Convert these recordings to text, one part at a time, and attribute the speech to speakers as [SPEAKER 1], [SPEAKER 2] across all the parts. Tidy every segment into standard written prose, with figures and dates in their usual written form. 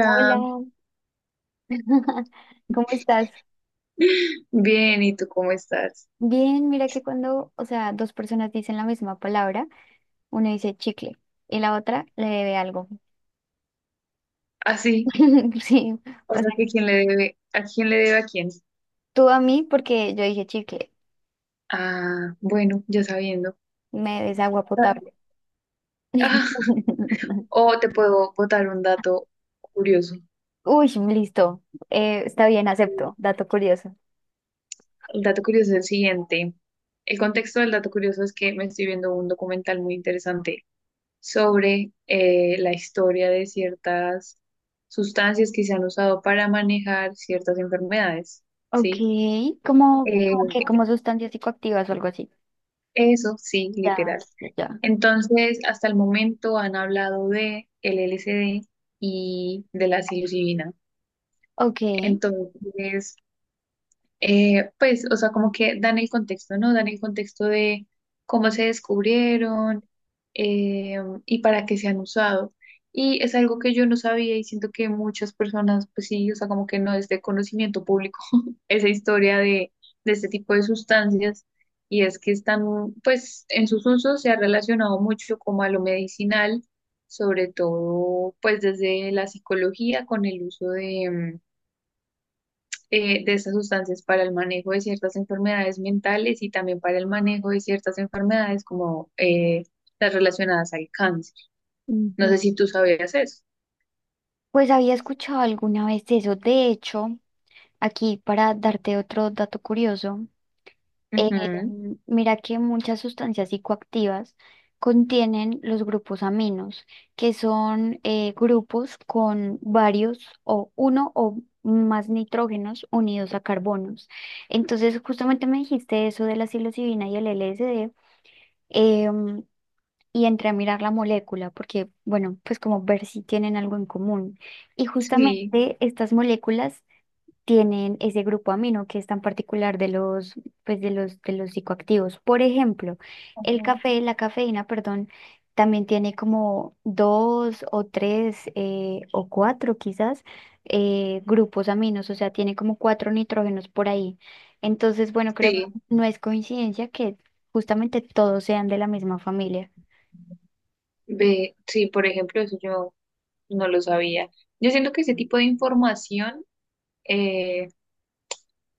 [SPEAKER 1] Hola, ¿cómo estás?
[SPEAKER 2] bien, ¿y tú cómo estás?
[SPEAKER 1] Bien, mira que cuando, o sea, dos personas dicen la misma palabra, una dice chicle y la otra le debe algo.
[SPEAKER 2] Ah, sí,
[SPEAKER 1] Sí,
[SPEAKER 2] o
[SPEAKER 1] o
[SPEAKER 2] sea
[SPEAKER 1] sea,
[SPEAKER 2] que quién le debe, ¿a quién le debe a quién?
[SPEAKER 1] tú a mí porque yo dije chicle,
[SPEAKER 2] Ah, bueno, ya sabiendo.
[SPEAKER 1] me des agua
[SPEAKER 2] Ah,
[SPEAKER 1] potable.
[SPEAKER 2] ah, o te puedo botar un dato curioso.
[SPEAKER 1] Uy, listo, está bien, acepto,
[SPEAKER 2] Mm.
[SPEAKER 1] dato curioso.
[SPEAKER 2] El dato curioso es el siguiente. El contexto del dato curioso es que me estoy viendo un documental muy interesante sobre la historia de ciertas sustancias que se han usado para manejar ciertas enfermedades,
[SPEAKER 1] Ok,
[SPEAKER 2] ¿sí?
[SPEAKER 1] como que como sustancias psicoactivas o algo así.
[SPEAKER 2] Eso sí,
[SPEAKER 1] Ya,
[SPEAKER 2] literal.
[SPEAKER 1] ya, ya.
[SPEAKER 2] Entonces, hasta el momento han hablado de el LSD y de la psilocibina.
[SPEAKER 1] Ok.
[SPEAKER 2] Entonces, pues, o sea, como que dan el contexto, ¿no? Dan el contexto de cómo se descubrieron eh, y para qué se han usado. Y es algo que yo no sabía y siento que muchas personas, pues sí, o sea, como que no es de conocimiento público esa historia de este tipo de sustancias. Y es que están, pues, en sus usos se ha relacionado mucho como a lo medicinal, sobre todo, pues, desde la psicología con el uso de de estas sustancias para el manejo de ciertas enfermedades mentales y también para el manejo de ciertas enfermedades como las relacionadas al cáncer. No
[SPEAKER 1] Ujú.
[SPEAKER 2] sé si tú sabías eso.
[SPEAKER 1] Pues había escuchado alguna vez eso, de hecho. Aquí para darte otro dato curioso, eh,
[SPEAKER 2] Ujú,
[SPEAKER 1] mira que muchas sustancias psicoactivas contienen los grupos aminos, que son grupos con varios o uno o más nitrógenos unidos a carbonos. Entonces, justamente me dijiste eso de la psilocibina y el LSD, em, y entré a mirar la molécula, porque, bueno, pues como ver si tienen algo en común. Y
[SPEAKER 2] sí,
[SPEAKER 1] justamente estas moléculas tienen ese grupo amino que es tan particular de los, pues de los psicoactivos. Por ejemplo, el
[SPEAKER 2] ujú,
[SPEAKER 1] café, la cafeína, perdón, también tiene como dos o tres o cuatro quizás grupos aminos, o sea, tiene como cuatro nitrógenos por ahí. Entonces, bueno, creo que
[SPEAKER 2] sí,
[SPEAKER 1] no es coincidencia que justamente todos sean de la misma familia.
[SPEAKER 2] ve, sí, por ejemplo, eso yo no lo sabía. Yo siento que ese tipo de información eh,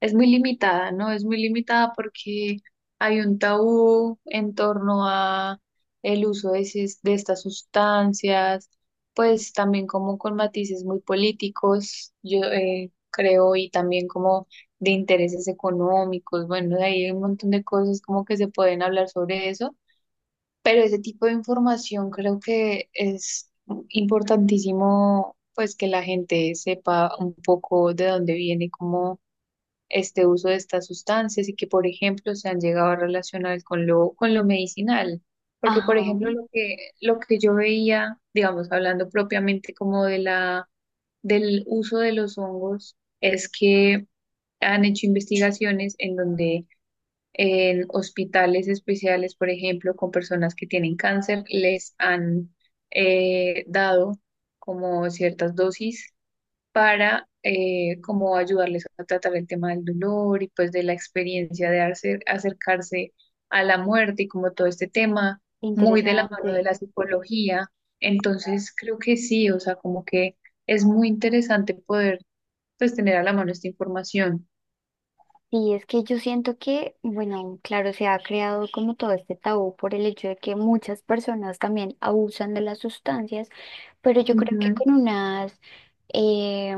[SPEAKER 2] es muy limitada, ¿no? Es muy limitada porque hay un tabú en torno a el uso de, de estas sustancias, pues también como con matices muy políticos, yo creo, y también como de intereses económicos. Bueno, de ahí hay un montón de cosas como que se pueden hablar sobre eso, pero ese tipo de información creo que es importantísimo, pues que la gente sepa un poco de dónde viene, cómo este uso de estas sustancias y que, por ejemplo, se han llegado a relacionar con lo medicinal. Porque, por
[SPEAKER 1] Ajá,
[SPEAKER 2] ejemplo, lo que yo veía, digamos, hablando propiamente como de la, del uso de los hongos, es que han hecho investigaciones en donde en hospitales especiales, por ejemplo, con personas que tienen cáncer, les han dado como ciertas dosis para como ayudarles a tratar el tema del dolor y pues de la experiencia de acercarse a la muerte y como todo este tema muy de la mano de
[SPEAKER 1] interesante.
[SPEAKER 2] la psicología. Entonces creo que sí, o sea, como que es muy interesante poder pues tener a la mano esta información.
[SPEAKER 1] Sí, es que yo siento que, bueno, claro, se ha creado como todo este tabú por el hecho de que muchas personas también abusan de las sustancias, pero yo creo que con unas eh,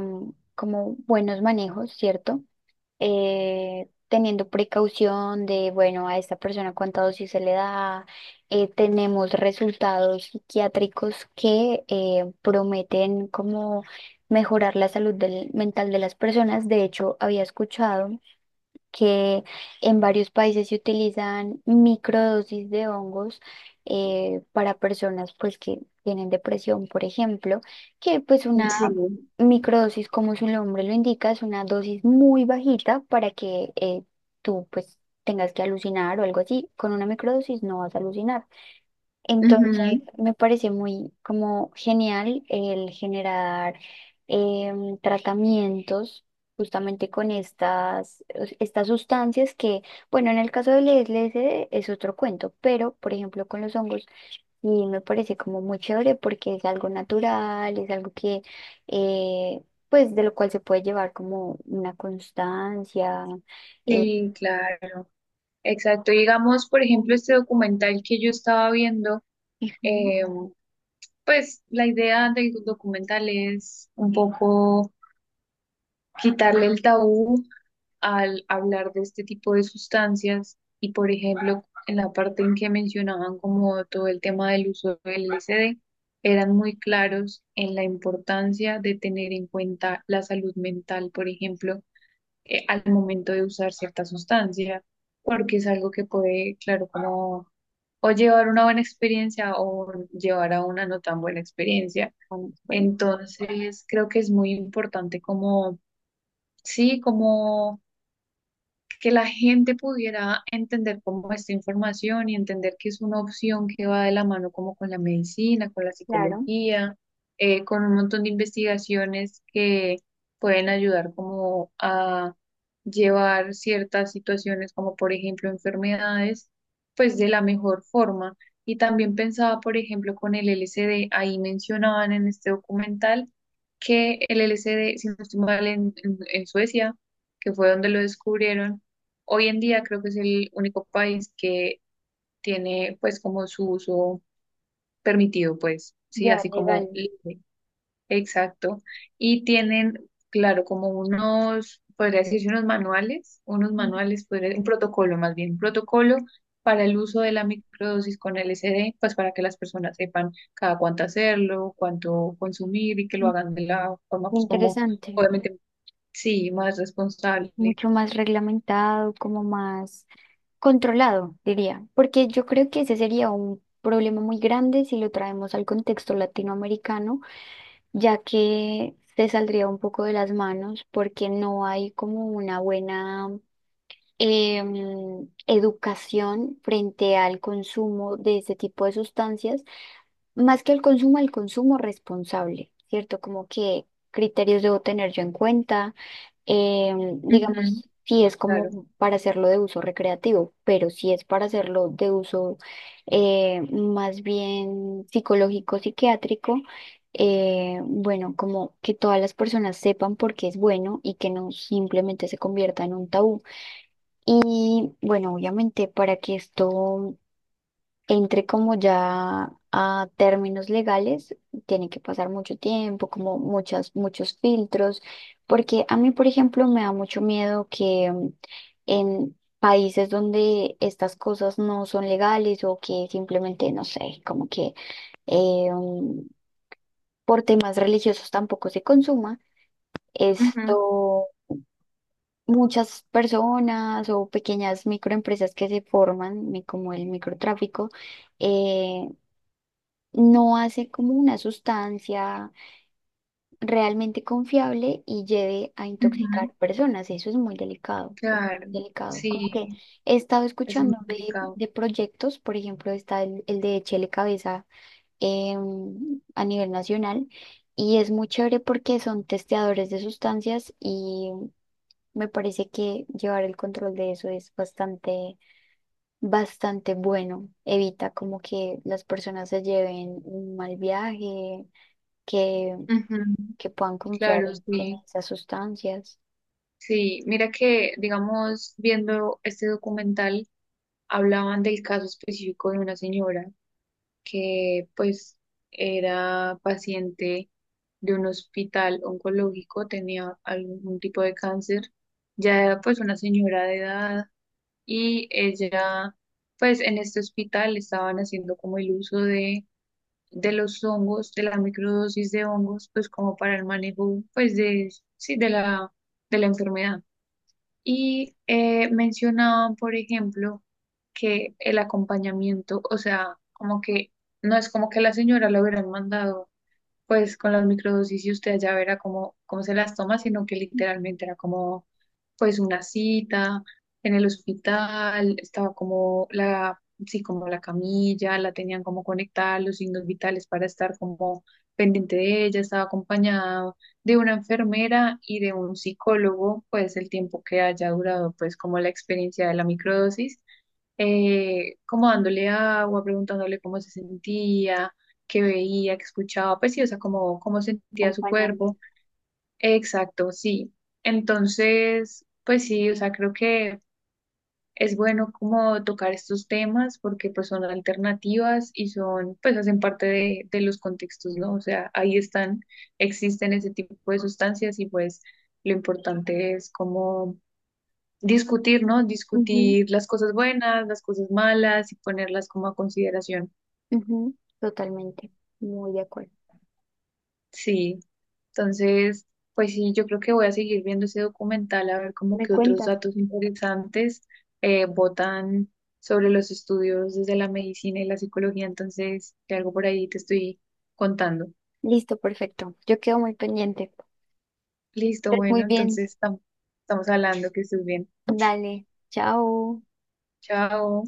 [SPEAKER 1] como buenos manejos, ¿cierto? Teniendo precaución de, bueno, a esta persona cuánta dosis se le da. Tenemos resultados psiquiátricos que prometen como mejorar la mental de las personas. De hecho, había escuchado que en varios países se utilizan microdosis de hongos para personas pues que tienen depresión, por ejemplo, que pues
[SPEAKER 2] Ujú,
[SPEAKER 1] una
[SPEAKER 2] sí,
[SPEAKER 1] microdosis, como su nombre lo indica, es una dosis muy bajita para que tú pues tengas que alucinar o algo así. Con una microdosis no vas a alucinar. Entonces,
[SPEAKER 2] ujú,
[SPEAKER 1] me parece muy como genial el generar tratamientos justamente con estas sustancias que, bueno, en el caso del LSD es otro cuento, pero por ejemplo con los hongos, y me parece como muy chévere porque es algo natural, es algo que, eh, pues de lo cual se puede llevar como una constancia. eh,
[SPEAKER 2] sí, claro, exacto. Digamos, por ejemplo, este documental que yo estaba viendo,
[SPEAKER 1] Ujú.
[SPEAKER 2] eh, pues la idea del documental es un poco quitarle el tabú al hablar de este tipo de sustancias y, por ejemplo, en la parte en que mencionaban como todo el tema del uso del LSD, eran muy claros en la importancia de tener en cuenta la salud mental, por ejemplo, al momento de usar cierta sustancia, porque es algo que puede, claro, como o llevar una buena experiencia o llevar a una no tan buena experiencia.
[SPEAKER 1] Bueno, por ahí.
[SPEAKER 2] Entonces, creo que es muy importante como, sí, como que la gente pudiera entender como esta información y entender que es una opción que va de la mano como con la medicina, con la
[SPEAKER 1] Claro,
[SPEAKER 2] psicología, con un montón de investigaciones que pueden ayudar como a llevar ciertas situaciones como por ejemplo enfermedades, pues de la mejor forma. Y también pensaba, por ejemplo, con el LSD, ahí mencionaban en este documental que el LSD, si no estoy mal, en Suecia, que fue donde lo descubrieron. Hoy en día creo que es el único país que tiene pues como su uso permitido, pues, sí,
[SPEAKER 1] ya
[SPEAKER 2] así
[SPEAKER 1] legal.
[SPEAKER 2] como libre. Exacto. Y tienen, claro, como unos, podría decirse unos manuales, un protocolo más bien, un protocolo para el uso de la microdosis con LSD, pues para que las personas sepan cada cuánto hacerlo, cuánto consumir y que lo hagan de la forma pues como,
[SPEAKER 1] Interesante,
[SPEAKER 2] obviamente, sí, más responsable.
[SPEAKER 1] mucho más reglamentado, como más controlado, diría, porque yo creo que ese sería un problema muy grande si lo traemos al contexto latinoamericano, ya que se saldría un poco de las manos porque no hay como una buena educación frente al consumo de ese tipo de sustancias, más que al consumo responsable, ¿cierto? Como que criterios debo tener yo en cuenta. Em,
[SPEAKER 2] Ujú,
[SPEAKER 1] digamos, si es
[SPEAKER 2] claro.
[SPEAKER 1] como para hacerlo de uso recreativo, pero si es para hacerlo de uso más bien psicológico, psiquiátrico, bueno, como que todas las personas sepan por qué es bueno y que no simplemente se convierta en un tabú. Y bueno, obviamente para que esto entre como ya a términos legales, tiene que pasar mucho tiempo, como muchas, muchos filtros, porque a mí, por ejemplo, me da mucho miedo que en países donde estas cosas no son legales o que simplemente, no sé, como que eh, mm, por temas religiosos tampoco se consuma,
[SPEAKER 2] Ujú,
[SPEAKER 1] esto... Muchas personas o pequeñas microempresas que se forman, como el microtráfico, eh, no hace como una sustancia realmente confiable y lleve a intoxicar
[SPEAKER 2] ujú.
[SPEAKER 1] personas. Eso es muy delicado, es
[SPEAKER 2] Claro,
[SPEAKER 1] delicado. Como
[SPEAKER 2] sí,
[SPEAKER 1] que he estado
[SPEAKER 2] eso es muy
[SPEAKER 1] escuchando
[SPEAKER 2] complicado.
[SPEAKER 1] de proyectos, por ejemplo, está el de Chele Cabeza, a nivel nacional, y es muy chévere porque son testeadores de sustancias y me parece que llevar el control de eso es bastante bueno. Evita como que las personas se lleven un mal viaje, que,
[SPEAKER 2] Ujú,
[SPEAKER 1] que puedan confiar
[SPEAKER 2] claro,
[SPEAKER 1] en
[SPEAKER 2] sí,
[SPEAKER 1] esas sustancias,
[SPEAKER 2] sí. Mira que, digamos, viendo este documental, hablaban del caso específico de una señora que, pues, era paciente de un hospital oncológico, tenía algún tipo de cáncer, ya era, pues, una señora de edad y ella, pues, en este hospital estaban haciendo como el uso de los hongos, de la microdosis de hongos, pues como para el manejo, pues de, sí, de la enfermedad. Y mencionaban, por ejemplo, que el acompañamiento, o sea, como que no es como que la señora le hubieran mandado pues con las microdosis y usted ya verá cómo, cómo se las toma, sino que literalmente era como pues una cita en el hospital, estaba como la, sí, como la camilla, la tenían como conectada, los signos vitales para estar como pendiente de ella, estaba acompañado de una enfermera y de un psicólogo, pues el tiempo que haya durado pues como la experiencia de la microdosis como dándole agua, preguntándole cómo se sentía, que veía, que escuchaba, pues sí, o sea, cómo, cómo sentía su
[SPEAKER 1] acompañándolas.
[SPEAKER 2] cuerpo. Exacto, sí. Entonces, pues sí, o sea, creo que es bueno como tocar estos temas porque pues son alternativas y son, pues hacen parte de los contextos, ¿no? O sea, ahí están, existen ese tipo de sustancias y pues lo importante es como discutir, ¿no?
[SPEAKER 1] Ujú,
[SPEAKER 2] Discutir las cosas buenas, las cosas malas y ponerlas como a consideración.
[SPEAKER 1] ujú, totalmente, muy de acuerdo.
[SPEAKER 2] Sí, entonces, pues sí, yo creo que voy a seguir viendo ese documental a ver como
[SPEAKER 1] ¿Me
[SPEAKER 2] que otros
[SPEAKER 1] cuentas?
[SPEAKER 2] datos interesantes botan sobre los estudios desde la medicina y la psicología, entonces, de algo por ahí te estoy contando.
[SPEAKER 1] Listo, perfecto. Yo quedo muy pendiente.
[SPEAKER 2] Listo,
[SPEAKER 1] Estés
[SPEAKER 2] bueno,
[SPEAKER 1] muy bien.
[SPEAKER 2] entonces estamos hablando, que estés bien.
[SPEAKER 1] Dale, chao.
[SPEAKER 2] Chao.